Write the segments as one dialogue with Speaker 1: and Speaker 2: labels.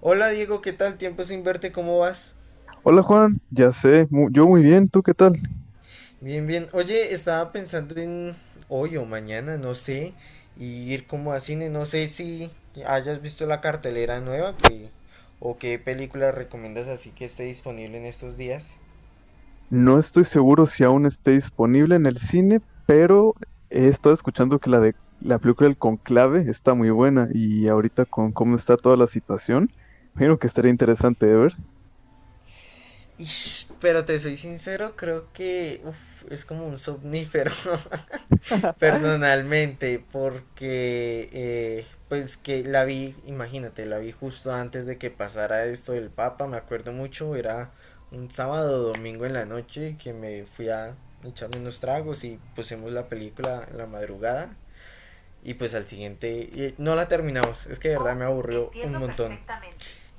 Speaker 1: Hola Diego, ¿qué tal? Tiempo sin verte, ¿cómo vas?
Speaker 2: Hola Juan, ya sé, yo muy bien, ¿tú qué tal?
Speaker 1: Bien, bien. Oye, estaba pensando en hoy o mañana, no sé, y ir como a cine, no sé si hayas visto la cartelera nueva que, o qué película recomiendas así que esté disponible en estos días.
Speaker 2: No estoy seguro si aún esté disponible en el cine, pero he estado escuchando que la película El Conclave está muy buena y ahorita con cómo está toda la situación, creo que estaría interesante de ver.
Speaker 1: Ish, pero te soy sincero, creo que uf, es como un somnífero. Personalmente porque pues que la vi, imagínate, la vi justo antes de que pasara esto del Papa, me acuerdo mucho, era un sábado o domingo en la noche que me fui a echarme unos tragos y pusimos la película en la madrugada y pues al siguiente y no la terminamos, es que de verdad me aburrió un montón.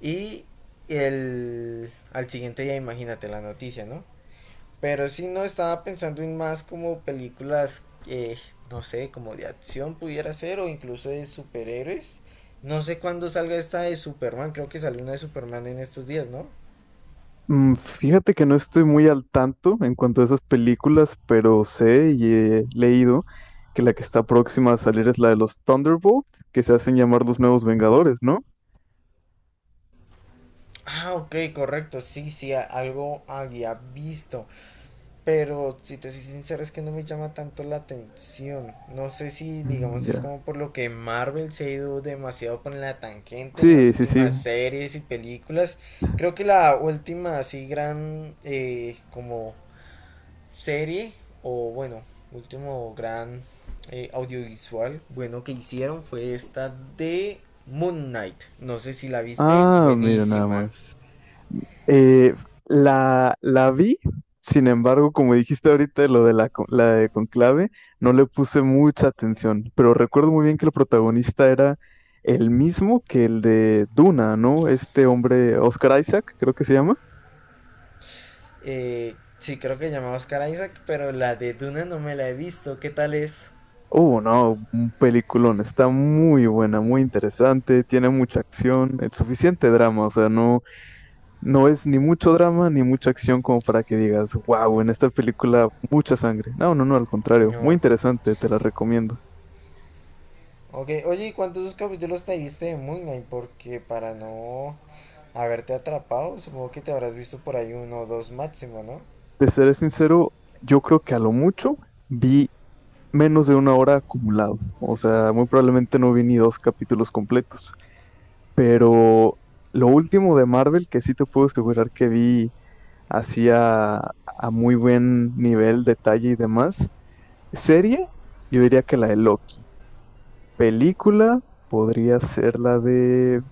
Speaker 1: Y el al siguiente día imagínate la noticia, ¿no? Pero sí, no estaba pensando en más como películas, no sé, como de acción pudiera ser o incluso de superhéroes. No sé cuándo salga esta de Superman, creo que salió una de Superman en estos días, ¿no?
Speaker 2: Fíjate que no estoy muy al tanto en cuanto a esas películas, pero sé y he leído que la que está próxima a salir es la de los Thunderbolts, que se hacen llamar los nuevos Vengadores, ¿no?
Speaker 1: Ah, ok, correcto, sí, sí, algo había visto. Pero si te soy sincero es que no me llama tanto la atención. No sé si,
Speaker 2: Mm,
Speaker 1: digamos, es
Speaker 2: ya.
Speaker 1: como por lo que Marvel se ha ido demasiado con la tangente en las
Speaker 2: Sí, sí, sí.
Speaker 1: últimas series y películas. Creo que la última así gran como serie o bueno, último gran audiovisual bueno que hicieron fue esta de Moon Knight. No sé si la viste,
Speaker 2: Ah, mira nada
Speaker 1: buenísima.
Speaker 2: más. Eh, la vi, sin embargo, como dijiste ahorita, lo de la de Conclave, no le puse mucha atención, pero recuerdo muy bien que el protagonista era el mismo que el de Duna, ¿no? Este hombre, Oscar Isaac, creo que se llama.
Speaker 1: Sí, creo que se llama Oscar Isaac, pero la de Duna no me la he visto. ¿Qué tal es?
Speaker 2: Oh, no, un peliculón, está muy buena, muy interesante, tiene mucha acción, el suficiente drama, o sea, no, no es ni mucho drama ni mucha acción como para que digas, wow, en esta película mucha sangre. No, no, no, al contrario, muy
Speaker 1: No.
Speaker 2: interesante, te la recomiendo.
Speaker 1: Ok, oye, ¿y cuántos capítulos te viste de Moon Knight? Porque para no haberte atrapado, supongo que te habrás visto por ahí uno o dos máximo, ¿no?
Speaker 2: De seré sincero, yo creo que a lo mucho vi menos de una hora acumulado. O sea, muy probablemente no vi ni dos capítulos completos. Pero lo último de Marvel, que sí te puedo asegurar que vi hacía a muy buen nivel, detalle y demás. Serie, yo diría que la de Loki. Película podría ser la de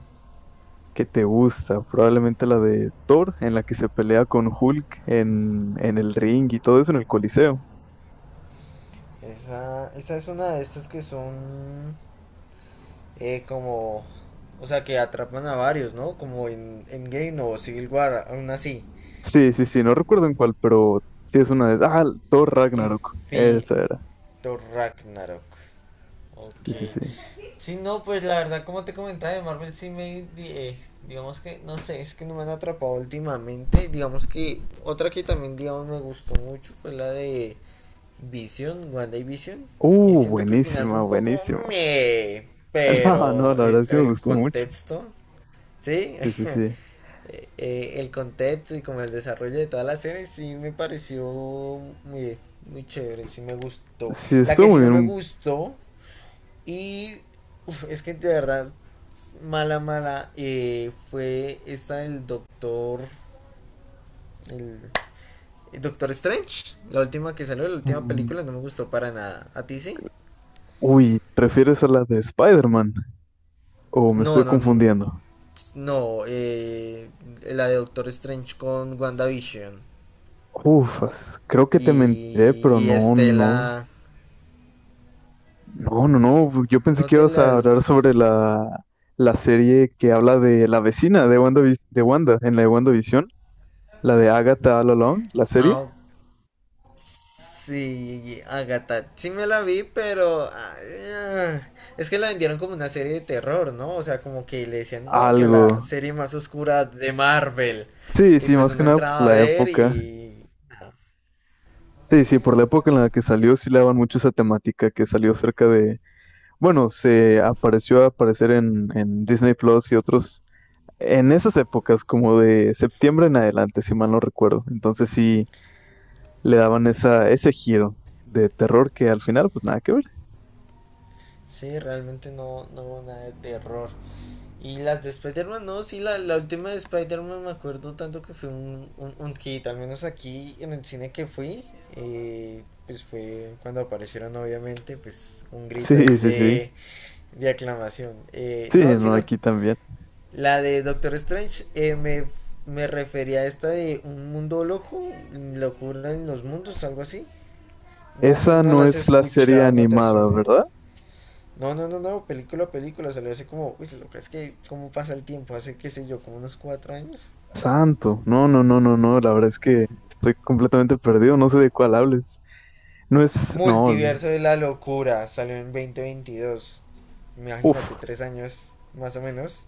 Speaker 2: ¿qué te gusta? Probablemente la de Thor, en la que se pelea con Hulk en el ring y todo eso en el Coliseo.
Speaker 1: Esa es una de estas que son como... O sea, que atrapan a varios, ¿no? Como en Game o Civil War, aún así.
Speaker 2: Sí, sí, sí, no recuerdo en cuál, pero sí es una de... ah, Thor Ragnarok, esa
Speaker 1: Infinito
Speaker 2: era.
Speaker 1: Ragnarok.
Speaker 2: Sí, sí,
Speaker 1: Ok.
Speaker 2: sí.
Speaker 1: Sí, no, pues la verdad, como te comentaba, de Marvel sí me, digamos que, no sé, es que no me han atrapado últimamente. Digamos que otra que también, digamos, me gustó mucho fue la de Vision, WandaVision. Siento que el final fue
Speaker 2: Buenísima,
Speaker 1: un poco,
Speaker 2: buenísima.
Speaker 1: meh,
Speaker 2: No, no,
Speaker 1: pero
Speaker 2: la
Speaker 1: el,
Speaker 2: verdad sí me
Speaker 1: el
Speaker 2: gustó mucho.
Speaker 1: contexto, ¿sí?
Speaker 2: Sí, sí, sí.
Speaker 1: El contexto y como el desarrollo de toda la serie sí me pareció muy, muy chévere, sí me gustó.
Speaker 2: Sí,
Speaker 1: La que
Speaker 2: estuvo
Speaker 1: sí
Speaker 2: muy
Speaker 1: no me
Speaker 2: bien.
Speaker 1: gustó y uf, es que de verdad mala, mala, fue esta del Doctor. El, el Doctor Strange. La última que salió, la última
Speaker 2: Mm,
Speaker 1: película, no me gustó para nada. ¿A ti sí?
Speaker 2: Uy, ¿prefieres a la de Spider-Man? ¿O me
Speaker 1: No,
Speaker 2: estoy
Speaker 1: no.
Speaker 2: confundiendo?
Speaker 1: No, la de Doctor Strange con WandaVision.
Speaker 2: Ufas, creo que te mentiré,
Speaker 1: Y,
Speaker 2: pero
Speaker 1: y
Speaker 2: no, no.
Speaker 1: Estela.
Speaker 2: No, no, no, yo pensé
Speaker 1: No
Speaker 2: que
Speaker 1: te
Speaker 2: ibas a hablar
Speaker 1: las.
Speaker 2: sobre la serie que habla de la vecina de Wanda, en la de WandaVision, la de Agatha All Along, la serie.
Speaker 1: Ah, sí, Agatha, sí me la vi, pero ah, es que la vendieron como una serie de terror, ¿no? O sea, como que le decían, no, que
Speaker 2: Algo.
Speaker 1: la serie más oscura de Marvel.
Speaker 2: Sí,
Speaker 1: Y
Speaker 2: sí,
Speaker 1: pues
Speaker 2: más que
Speaker 1: uno
Speaker 2: nada por
Speaker 1: entraba a
Speaker 2: la
Speaker 1: ver
Speaker 2: época.
Speaker 1: y
Speaker 2: Sí, sí, por la época en la que salió, sí le daban mucho esa temática que salió cerca de, bueno, se apareció a aparecer en Disney Plus y otros, en esas épocas, como de septiembre en adelante, si mal no recuerdo. Entonces sí, le daban ese giro de terror que al final, pues nada que ver.
Speaker 1: sí, realmente no, no hubo nada de terror. Y las de Spider-Man, no, sí, la última de Spider-Man me acuerdo tanto que fue un, un hit, al menos aquí en el cine que fui, pues fue cuando aparecieron obviamente, pues un grito
Speaker 2: Sí,
Speaker 1: ahí
Speaker 2: sí, sí.
Speaker 1: de aclamación.
Speaker 2: Sí,
Speaker 1: No,
Speaker 2: no,
Speaker 1: sino
Speaker 2: aquí también.
Speaker 1: la de Doctor Strange me refería a esta de un mundo loco, locura en los mundos, algo así. No,
Speaker 2: Esa
Speaker 1: no
Speaker 2: no
Speaker 1: la has
Speaker 2: es la serie
Speaker 1: escuchado, no te
Speaker 2: animada,
Speaker 1: suene.
Speaker 2: ¿verdad?
Speaker 1: No, no, no, no, película película, salió hace como, uy, loca, es que cómo pasa el tiempo, hace qué sé yo, como unos 4 años.
Speaker 2: Santo. No, no, no, no, no. La verdad es que estoy completamente perdido. No sé de cuál hables. No es. No.
Speaker 1: Multiverso de la locura, salió en 2022.
Speaker 2: Uf.
Speaker 1: Imagínate, 3 años más o menos.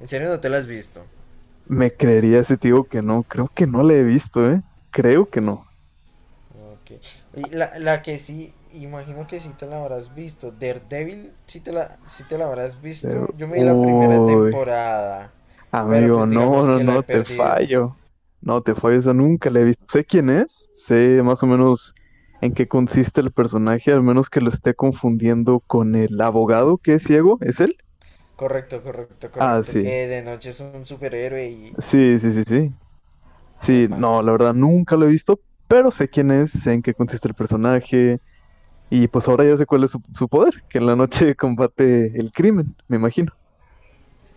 Speaker 1: ¿En serio no te lo has visto?
Speaker 2: Me creería ese tío que no. Creo que no la he visto, ¿eh? Creo que no.
Speaker 1: Ok. Y la que sí, imagino que sí te la habrás visto. Daredevil, sí te la habrás
Speaker 2: Eh,
Speaker 1: visto. Yo me di la primera
Speaker 2: Uy.
Speaker 1: temporada, pero
Speaker 2: Amigo,
Speaker 1: pues
Speaker 2: no,
Speaker 1: digamos
Speaker 2: no,
Speaker 1: que la he
Speaker 2: no, te
Speaker 1: perdido.
Speaker 2: fallo. No, te fallo, esa nunca la he visto. Sé quién es, sé más o menos en qué consiste el personaje, al menos que lo esté confundiendo con el abogado que es ciego, ¿es él?
Speaker 1: Correcto, correcto,
Speaker 2: Ah,
Speaker 1: correcto.
Speaker 2: sí.
Speaker 1: Que de noche es un superhéroe y...
Speaker 2: Sí, sí, sí, sí. Sí,
Speaker 1: Epa.
Speaker 2: no, la verdad nunca lo he visto, pero sé quién es, sé en qué consiste el personaje, y pues ahora ya sé cuál es su poder, que en la noche combate el crimen, me imagino.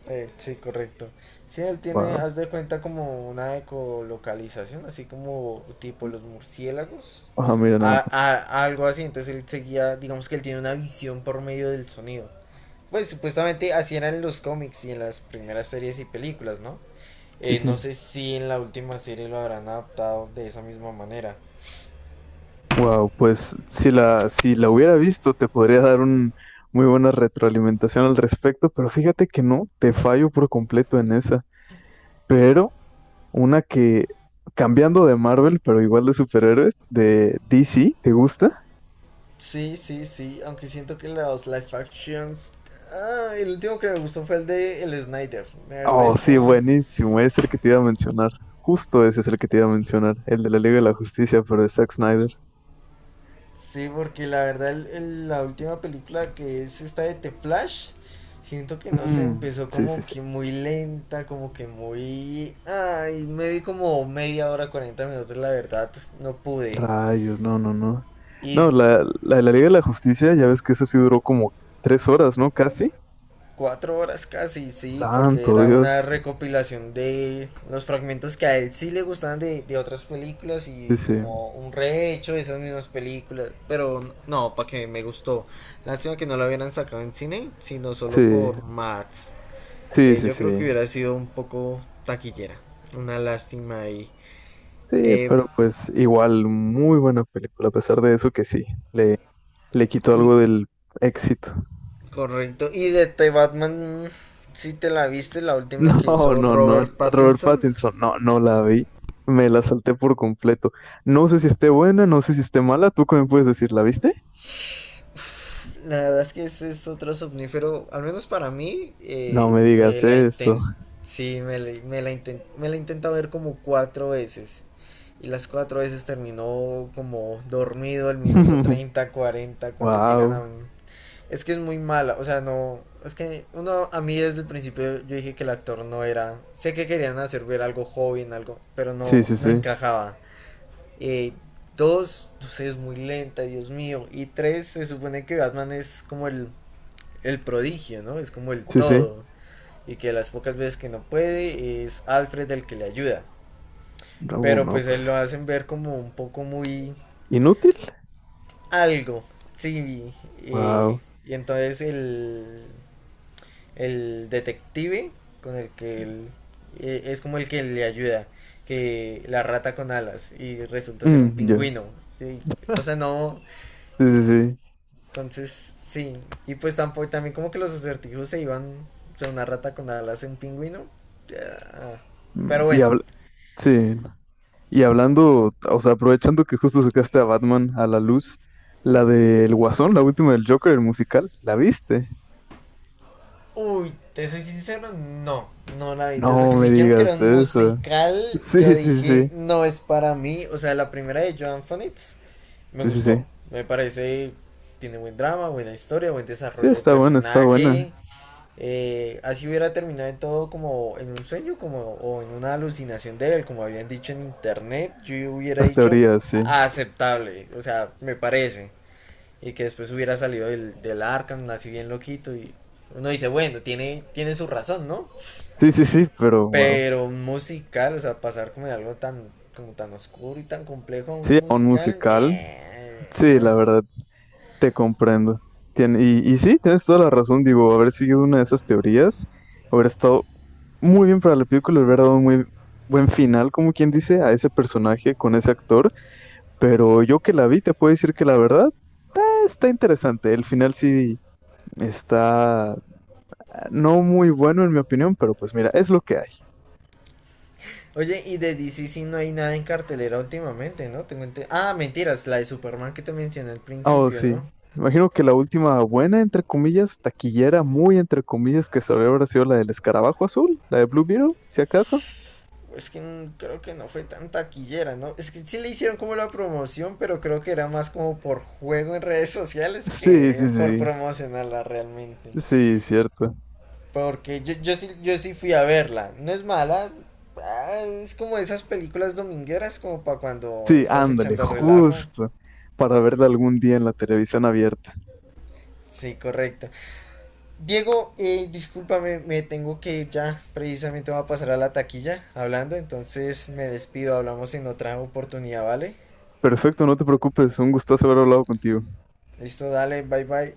Speaker 1: Sí, correcto. Sí, él tiene,
Speaker 2: Wow.
Speaker 1: haz de cuenta como una ecolocalización, así como tipo los murciélagos,
Speaker 2: Ah, mira, nada más.
Speaker 1: algo así. Entonces él seguía, digamos que él tiene una visión por medio del sonido. Pues supuestamente así eran en los cómics y en las primeras series y películas, ¿no?
Speaker 2: Sí,
Speaker 1: No
Speaker 2: sí.
Speaker 1: sé si en la última serie lo habrán adaptado de esa misma manera.
Speaker 2: Wow, pues si la hubiera visto, te podría dar un muy buena retroalimentación al respecto, pero fíjate que no, te fallo por completo en esa. Pero una que, cambiando de Marvel, pero igual de superhéroes, de DC, ¿te gusta?
Speaker 1: Sí, sí, sí, aunque siento que los live actions... Ah, el último que me gustó fue el de el Snyder. El
Speaker 2: Oh, sí,
Speaker 1: resto...
Speaker 2: buenísimo, es el que te iba a mencionar. Justo ese es el que te iba a mencionar, el de la Liga de la Justicia, pero de Zack Snyder.
Speaker 1: Sí, porque la verdad la última película que es esta de The Flash, siento que no se
Speaker 2: Mm,
Speaker 1: empezó
Speaker 2: sí, sí,
Speaker 1: como
Speaker 2: sí.
Speaker 1: que muy lenta, como que muy... Ay, me vi como media hora, 40 minutos, la verdad, no pude.
Speaker 2: Rayos, no, no, no.
Speaker 1: Y
Speaker 2: No, la de la Liga de la Justicia, ya ves que esa sí duró como tres horas, ¿no? Casi.
Speaker 1: 4 horas casi, sí, porque
Speaker 2: Santo
Speaker 1: era una
Speaker 2: Dios.
Speaker 1: recopilación de los fragmentos que a él sí le gustaban de otras películas
Speaker 2: Sí,
Speaker 1: y
Speaker 2: sí.
Speaker 1: como un rehecho de esas mismas películas. Pero no, para que me gustó. Lástima que no lo hubieran sacado en cine, sino solo
Speaker 2: Sí,
Speaker 1: por Mats.
Speaker 2: sí, sí,
Speaker 1: Yo creo que
Speaker 2: sí.
Speaker 1: hubiera sido un poco taquillera. Una lástima ahí.
Speaker 2: Sí,
Speaker 1: Eh,
Speaker 2: pero pues igual, muy buena película, a pesar de eso que sí, le, le quitó
Speaker 1: y
Speaker 2: algo del éxito.
Speaker 1: correcto. Y de The Batman, si ¿sí te la viste, la última que
Speaker 2: No,
Speaker 1: hizo
Speaker 2: no, no,
Speaker 1: Robert
Speaker 2: Robert
Speaker 1: Pattinson?
Speaker 2: Pattinson, no, no la vi, me la salté por completo. No sé si esté buena, no sé si esté mala, ¿tú qué me puedes decir? ¿La viste?
Speaker 1: La verdad es que ese es otro somnífero, al menos para mí,
Speaker 2: No me digas eso.
Speaker 1: sí, me la intenta ver como 4 veces. Y las 4 veces terminó como dormido el minuto 30 40 cuando llegan a
Speaker 2: Wow.
Speaker 1: un... Es que es muy mala, o sea, no... Es que uno, a mí desde el principio yo dije que el actor no era... Sé que querían hacer ver algo joven, algo, pero
Speaker 2: Sí,
Speaker 1: no,
Speaker 2: sí,
Speaker 1: no
Speaker 2: sí,
Speaker 1: encajaba. Eh, Dos, no sé, es muy lenta, Dios mío. Y tres, se supone que Batman es como el prodigio, ¿no? Es como el
Speaker 2: sí, sí.
Speaker 1: todo. Y que las pocas veces que no puede es Alfred el que le ayuda.
Speaker 2: No,
Speaker 1: Pero
Speaker 2: no,
Speaker 1: pues él
Speaker 2: pues.
Speaker 1: lo hacen ver como un poco muy
Speaker 2: ¿Inútil?
Speaker 1: algo. Sí, eh,
Speaker 2: Wow.
Speaker 1: y entonces el detective con el que él es como el que le ayuda, que la rata con alas y resulta ser un
Speaker 2: Mm, ya.
Speaker 1: pingüino. Y, o sea, no,
Speaker 2: Sí, sí, sí.
Speaker 1: entonces, sí. Y pues tampoco, también como que los acertijos se iban o sea, una rata con alas en un pingüino. Ya.
Speaker 2: Mm,
Speaker 1: Pero
Speaker 2: Y
Speaker 1: bueno.
Speaker 2: habl- sí, y hablando, o sea, aprovechando que justo sacaste a Batman a la luz, la del Guasón, la última del Joker, el musical, ¿la viste?
Speaker 1: Uy, te soy sincero, no, no la vi. Desde
Speaker 2: No
Speaker 1: que me
Speaker 2: me
Speaker 1: dijeron que era
Speaker 2: digas
Speaker 1: un
Speaker 2: eso.
Speaker 1: musical,
Speaker 2: Sí,
Speaker 1: yo
Speaker 2: sí, sí,
Speaker 1: dije,
Speaker 2: sí,
Speaker 1: no es para mí. O sea, la primera de Joan Fonitz me
Speaker 2: sí, sí, sí.
Speaker 1: gustó. Me parece, tiene buen drama, buena historia, buen
Speaker 2: Sí,
Speaker 1: desarrollo de
Speaker 2: está buena, está buena.
Speaker 1: personaje. Así hubiera terminado en todo como en un sueño como, o en una alucinación de él, como habían dicho en internet, yo hubiera
Speaker 2: Las
Speaker 1: dicho
Speaker 2: teorías, sí.
Speaker 1: aceptable, o sea, me parece. Y que después hubiera salido del Arkham, así bien loquito. Y uno dice, bueno, tiene su razón, ¿no?
Speaker 2: Sí, sí, sí, pero wow.
Speaker 1: Pero un musical, o sea, pasar como de algo tan, como tan oscuro y tan complejo a
Speaker 2: Sí,
Speaker 1: un
Speaker 2: un
Speaker 1: musical,
Speaker 2: musical.
Speaker 1: meh.
Speaker 2: Sí,
Speaker 1: ah,
Speaker 2: la verdad. Te comprendo. Y, y sí, tienes toda la razón, digo, haber seguido una de esas teorías, haber estado muy bien para la película, le hubiera dado un muy buen final, como quien dice, a ese personaje con ese actor, pero yo que la vi te puedo decir que la verdad está interesante, el final sí está no muy bueno en mi opinión, pero pues mira, es lo que hay.
Speaker 1: Oye, y de DC sí no hay nada en cartelera últimamente, ¿no? Ah, mentiras, la de Superman que te mencioné al
Speaker 2: Oh,
Speaker 1: principio,
Speaker 2: sí.
Speaker 1: ¿no?
Speaker 2: Imagino que la última buena, entre comillas, taquillera, muy entre comillas, que salió habrá sido la del escarabajo azul, la de Blue Beetle, si acaso.
Speaker 1: Es que creo que no fue tan taquillera, ¿no? Es que sí le hicieron como la promoción, pero creo que era más como por juego en redes sociales
Speaker 2: Sí, sí,
Speaker 1: que por
Speaker 2: sí.
Speaker 1: promocionarla realmente.
Speaker 2: Sí, cierto.
Speaker 1: Porque yo sí fui a verla. No es mala. Es como esas películas domingueras, como para cuando
Speaker 2: Sí,
Speaker 1: estás
Speaker 2: ándale,
Speaker 1: echando relajo.
Speaker 2: justo, para verla algún día en la televisión abierta.
Speaker 1: Sí, correcto. Diego, discúlpame, me tengo que ir ya. Precisamente voy a pasar a la taquilla hablando, entonces me despido. Hablamos en otra oportunidad, ¿vale?
Speaker 2: Perfecto, no te preocupes, un gustazo haber hablado contigo.
Speaker 1: Listo, dale, bye bye.